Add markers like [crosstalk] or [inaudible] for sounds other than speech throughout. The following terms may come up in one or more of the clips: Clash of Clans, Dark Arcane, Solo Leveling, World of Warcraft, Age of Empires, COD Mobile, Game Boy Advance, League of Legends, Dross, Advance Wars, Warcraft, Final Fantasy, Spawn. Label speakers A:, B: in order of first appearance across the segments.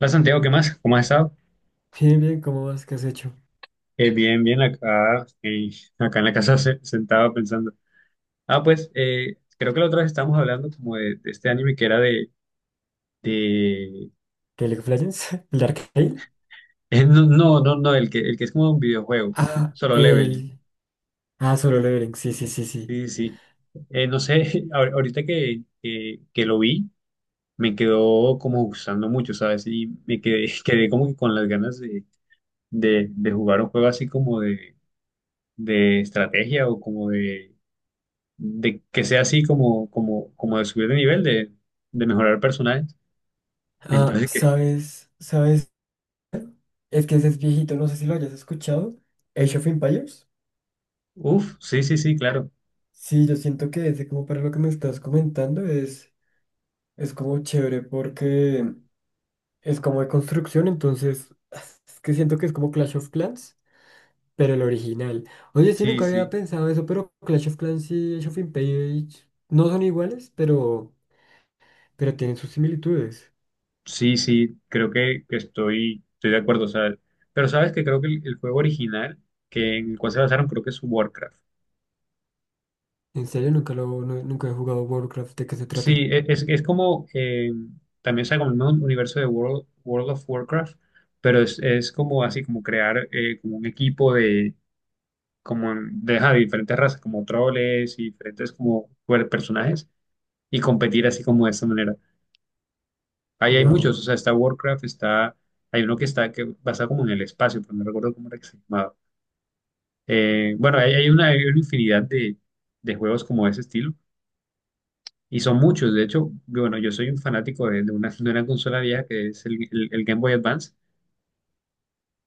A: Hola Santiago, ¿qué más? ¿Cómo has estado?
B: Bien, bien, ¿cómo vas? ¿Qué has hecho?
A: Bien, bien, acá, acá en la casa sentado pensando. Ah, pues, creo que la otra vez estábamos hablando como de este anime que era de...
B: ¿Qué League of Legends? [laughs] ¿El Dark Arcane?
A: [laughs] No, el que es como un videojuego,
B: Ah, [laughs]
A: Solo Leveling.
B: el... Ah, solo Leveling, sí, sí, sí, sí.
A: Sí, sí, sí. No sé, [laughs] ahorita que lo vi, me quedó como gustando mucho, ¿sabes? Y me quedé, [laughs] quedé como que con las ganas de jugar un juego así como de estrategia o como de que sea así como de subir de nivel, de mejorar personajes. [laughs]
B: Ah,
A: Entonces,
B: ¿sabes? ¿Sabes? Es que ese es viejito, no sé si lo hayas escuchado. Age of Empires.
A: uff, sí, sí, sí, claro.
B: Sí, yo siento que ese como para lo que me estás comentando es como chévere porque es como de construcción, entonces [laughs] es que siento que es como Clash of Clans. Pero el original. Oye, sí,
A: Sí,
B: nunca había
A: sí,
B: pensado eso, pero Clash of Clans y Age of Empires no son iguales, pero tienen sus similitudes.
A: sí, creo que estoy de acuerdo. O sea, pero sabes que creo que el juego original que en el cual se basaron, creo que es Warcraft.
B: En serio, nunca lo, nu- nunca he jugado Warcraft, ¿de qué se
A: Sí,
B: trata?
A: es como, también sea como el mismo universo de World of Warcraft, pero es como así, como crear como un equipo de, como de, ajá, de diferentes razas, como troles y diferentes como bueno, personajes y competir así como de esta manera. Ahí hay muchos,
B: Wow.
A: o sea, está Warcraft, está, hay uno que está que pasa como en el espacio, pero no recuerdo cómo era que se llamaba. Bueno, hay, hay una infinidad de juegos como de ese estilo y son muchos. De hecho, bueno, yo soy un fanático de una consola vieja que es el, el Game Boy Advance.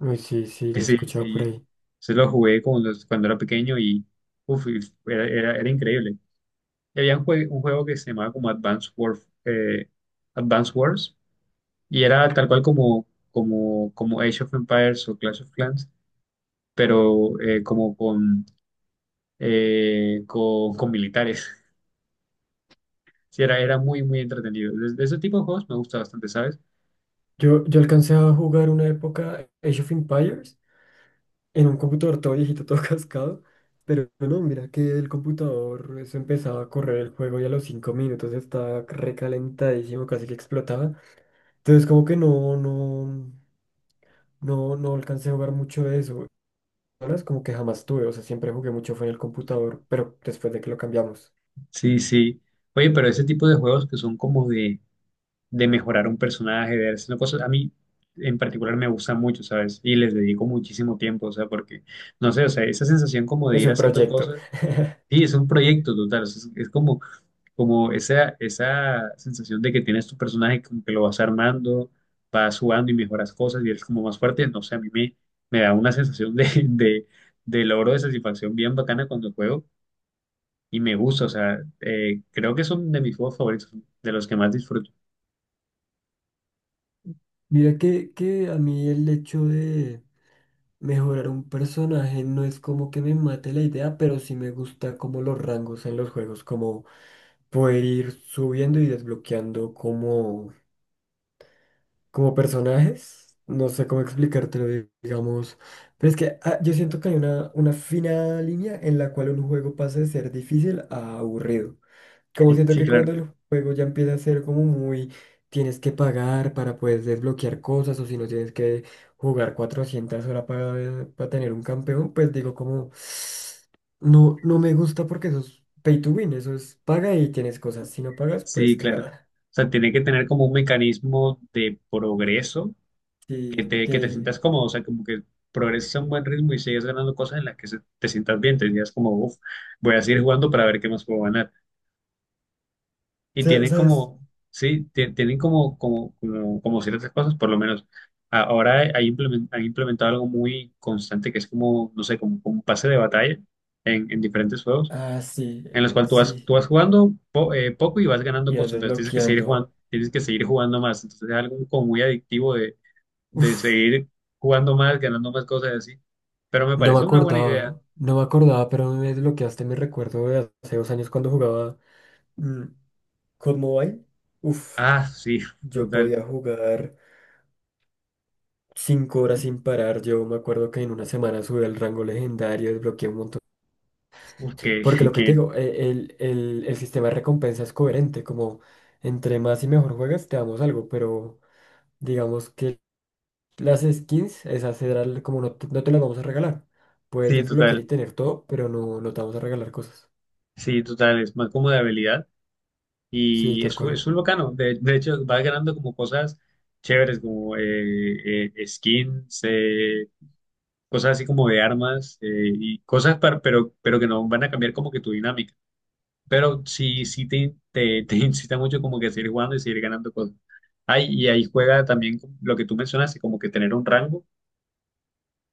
B: Uy, sí, sí, lo he
A: Ese,
B: escuchado por
A: sí,
B: ahí.
A: se lo jugué cuando, cuando era pequeño y uf, y era, era, era increíble. Y había un, un juego que se llamaba como Advance Wars. Y era tal cual como, como, como Age of Empires o Clash of Clans, pero como con, con militares. [laughs] Sí, era, era muy, muy entretenido. De ese tipo de juegos me gusta bastante, ¿sabes?
B: Yo alcancé a jugar una época Age of Empires en un computador todo viejito, todo [laughs] cascado. Pero no, mira que el computador, eso empezaba a correr el juego y a los 5 minutos estaba recalentadísimo, casi que explotaba. Entonces como que no, no. No, no alcancé a jugar mucho de eso. Ahora es como que jamás tuve, o sea, siempre jugué mucho fue en el computador, pero después de que lo cambiamos.
A: Sí, sí. Oye, pero ese tipo de juegos que son como de mejorar un personaje, de hacer cosas, a mí en particular me gusta mucho, ¿sabes? Y les dedico muchísimo tiempo, o sea, porque, no sé, o sea, esa sensación como de
B: Es
A: ir
B: un
A: haciendo
B: proyecto.
A: cosas.
B: [laughs]
A: Sí, es un proyecto total, o sea, es como como esa sensación de que tienes tu personaje, como que lo vas armando, vas jugando y mejoras cosas y eres como más fuerte, no sé, a mí me da una sensación [laughs] de logro, de satisfacción bien bacana cuando juego y me gusta, o sea, creo que son de mis juegos favoritos, de los que más disfruto.
B: Mira que a mí el hecho de mejorar un personaje no es como que me mate la idea, pero sí me gusta como los rangos en los juegos, como poder ir subiendo y desbloqueando como personajes, no sé cómo explicártelo, digamos, pero es que ah, yo siento que hay una fina línea en la cual un juego pasa de ser difícil a aburrido. Como
A: [laughs]
B: siento
A: Sí,
B: que
A: claro,
B: cuando el juego ya empieza a ser como muy, tienes que pagar para poder desbloquear cosas o si no tienes que jugar 400 horas para tener un campeón, pues digo como, no, no me gusta porque eso es pay to win, eso es paga y tienes cosas, si no pagas,
A: sí,
B: pues
A: claro. O
B: cagada.
A: sea, tiene que tener como un mecanismo de progreso que
B: Y
A: te
B: que,
A: sientas cómodo, o sea, como que progreses a un buen ritmo y sigas ganando cosas en las que te sientas bien, te digas como, uff, voy a seguir jugando para ver qué más puedo ganar. Y
B: sa-
A: tienen
B: ¿sabes?
A: como, sí, tienen como ciertas cosas, por lo menos. Ahora hay han implementado algo muy constante que es como, no sé, como un pase de batalla en diferentes juegos,
B: Ah, sí,
A: en los cuales tú
B: sí.
A: vas jugando poco y vas ganando
B: Ibas
A: cosas, entonces tienes que seguir
B: desbloqueando.
A: jugando, tienes que seguir jugando más, entonces es algo como muy adictivo de
B: Uf,
A: seguir jugando más, ganando más cosas y así. Pero me parece una buena idea.
B: no me acordaba, pero me desbloqueaste mi recuerdo de hace 2 años cuando jugaba mm, COD Mobile. Uf,
A: Ah, sí, [laughs]
B: yo
A: total.
B: podía jugar 5 horas sin parar. Yo me acuerdo que en una semana subí al rango legendario, desbloqueé un montón.
A: Uf, que,
B: Porque
A: [laughs]
B: lo que te
A: que
B: digo, el sistema de recompensa es coherente, como entre más y mejor juegas, te damos algo, pero digamos que las skins, esas serán como no te, no te las vamos a regalar. Puedes
A: sí,
B: desbloquear y
A: total.
B: tener todo, pero no, no te vamos a regalar cosas.
A: Sí, total. Es más como de habilidad.
B: Sí,
A: Y
B: tal cual.
A: es un bacano. De hecho, vas ganando como cosas chéveres, como skins, cosas así como de armas y cosas, para, pero que no van a cambiar como que tu dinámica. Pero sí, sí te [laughs] incita mucho como que a seguir jugando y seguir ganando cosas. Ay, y ahí juega también lo que tú mencionaste, como que tener un rango,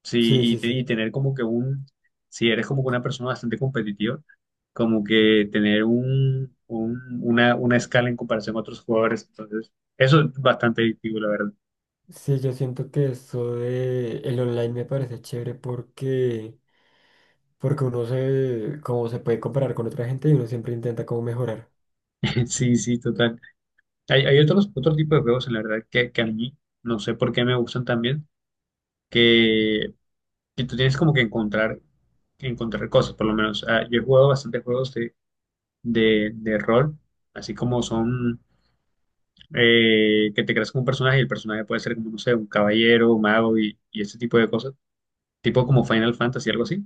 A: sí,
B: Sí,
A: y,
B: sí,
A: y
B: sí.
A: tener como que un, si eres como que una persona bastante competitiva, como que tener un, una escala en comparación a otros jugadores, entonces, eso es bastante adictivo, la verdad.
B: Sí, yo siento que eso de el online me parece chévere porque, porque uno se, como se puede comparar con otra gente y uno siempre intenta como mejorar.
A: [laughs] Sí, sí, total. Hay otros, otro tipo de juegos, en la verdad, que a mí no sé por qué me gustan también, que y tú tienes como que encontrar, encontrar cosas, por lo menos. Ah, yo he jugado bastantes juegos de rol, así como son que te creas como un personaje y el personaje puede ser como, no sé, un caballero, un mago y ese tipo de cosas, tipo como Final Fantasy, algo así.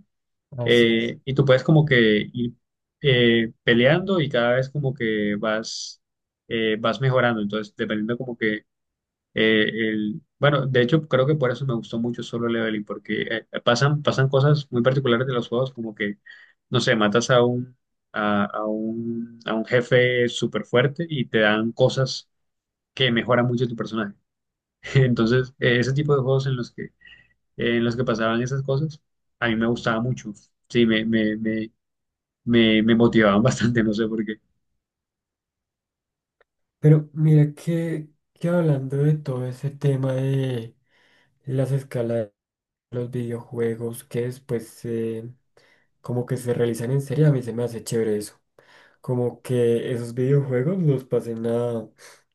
B: Así.
A: Y tú puedes como que ir peleando y cada vez como que vas, vas mejorando, entonces dependiendo como que bueno, de hecho, creo que por eso me gustó mucho Solo Leveling, porque pasan cosas muy particulares de los juegos, como que, no sé, matas a un jefe súper fuerte y te dan cosas que mejoran mucho tu personaje. [laughs] Entonces, ese tipo de juegos en los que pasaban esas cosas, a mí me gustaba mucho. Sí, me motivaban [laughs] bastante, no sé por qué.
B: Pero mira que hablando de todo ese tema de las escalas de los videojuegos que después como que se realizan en serie, a mí se me hace chévere eso. Como que esos videojuegos los pasen a,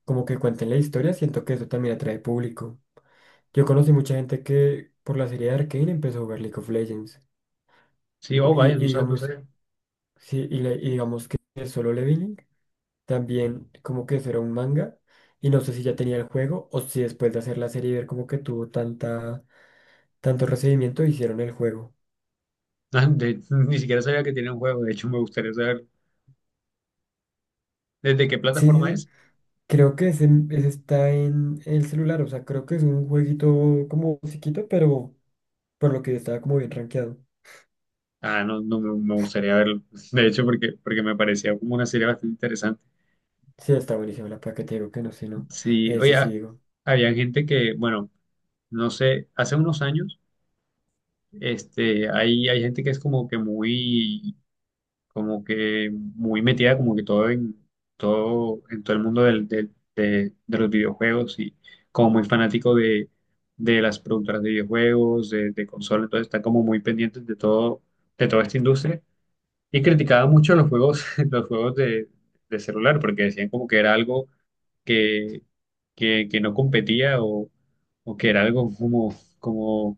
B: como que cuenten la historia, siento que eso también atrae público. Yo conocí mucha gente que por la serie de Arcane empezó a jugar League of Legends.
A: Sí, oh, vaya, no
B: Y
A: sabes, no
B: digamos,
A: sabía.
B: sí, y digamos que Solo Leveling también como que eso era un manga. Y no sé si ya tenía el juego o si después de hacer la serie y ver como que tuvo tanta, tanto recibimiento hicieron el juego.
A: [laughs] De- ni siquiera sabía que tenía un juego, de hecho, me gustaría saber. ¿Desde qué
B: Sí,
A: plataforma
B: sí, sí.
A: es?
B: Creo ese está en el celular, o sea, creo que es un jueguito como chiquito, pero por lo que yo estaba como bien rankeado.
A: Ah, no, no me gustaría verlo. [laughs] De hecho, porque, porque me parecía como una serie bastante interesante.
B: Sí, está buenísima la placa, te digo que no, sí, no.
A: Sí,
B: Sí,
A: oye,
B: sí,
A: ha-
B: digo.
A: había gente que, bueno, no sé, hace unos años, este, hay gente que es como que muy metida, como que todo en todo, en todo el mundo de los videojuegos y como muy fanático de las productoras de videojuegos, de consolas, entonces están como muy pendientes de todo, de toda esta industria. Y criticaba mucho los juegos, [laughs] los juegos de celular, porque decían como que era algo que, que no competía o que era algo como,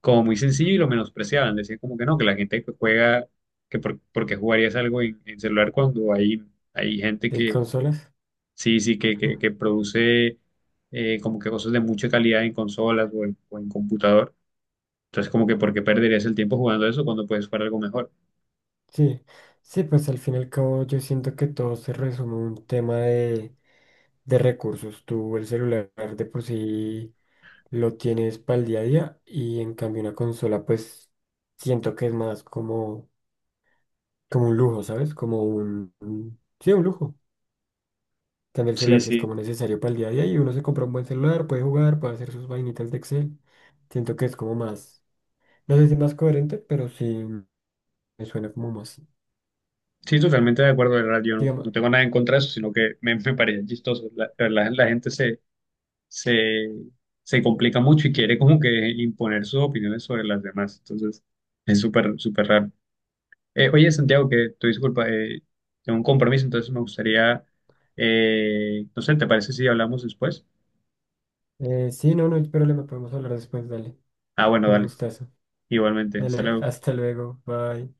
A: como muy sencillo y lo menospreciaban. Decían como que no, que la gente que juega, que por, porque jugarías algo en celular cuando hay gente
B: ¿De
A: que
B: consolas?
A: sí, sí, que, que,
B: Ah,
A: que produce como que cosas de mucha calidad en consolas o en computador. Entonces como que por qué perderías el tiempo jugando eso cuando puedes jugar algo mejor.
B: sí, sí, pues al fin y al cabo yo siento que todo se resume a un tema de recursos. Tú el celular de por sí lo tienes para el día a día y en cambio una consola pues siento que es más como, como un lujo, ¿sabes? Como un- Sí, un lujo. También el
A: Sí,
B: celular si es
A: sí.
B: como necesario para el día a día y uno se compra un buen celular, puede jugar, puede hacer sus vainitas de Excel. Siento que es como más... No sé si más coherente, pero sí me suena como más.
A: Sí, totalmente de acuerdo, de verdad, yo no,
B: Digamos,
A: no tengo nada en contra de eso, sino que me parece chistoso. La, de verdad, la gente se, se complica mucho y quiere como que imponer sus opiniones sobre las demás. Entonces, es súper, súper raro. Oye, Santiago, que tu disculpa, tengo un compromiso, entonces me gustaría, no sé, ¿te parece si hablamos después?
B: sí, no, no hay problema, podemos hablar después, dale.
A: Ah, bueno,
B: Un
A: dale,
B: gustazo.
A: igualmente, hasta
B: Dale,
A: luego.
B: hasta luego, bye.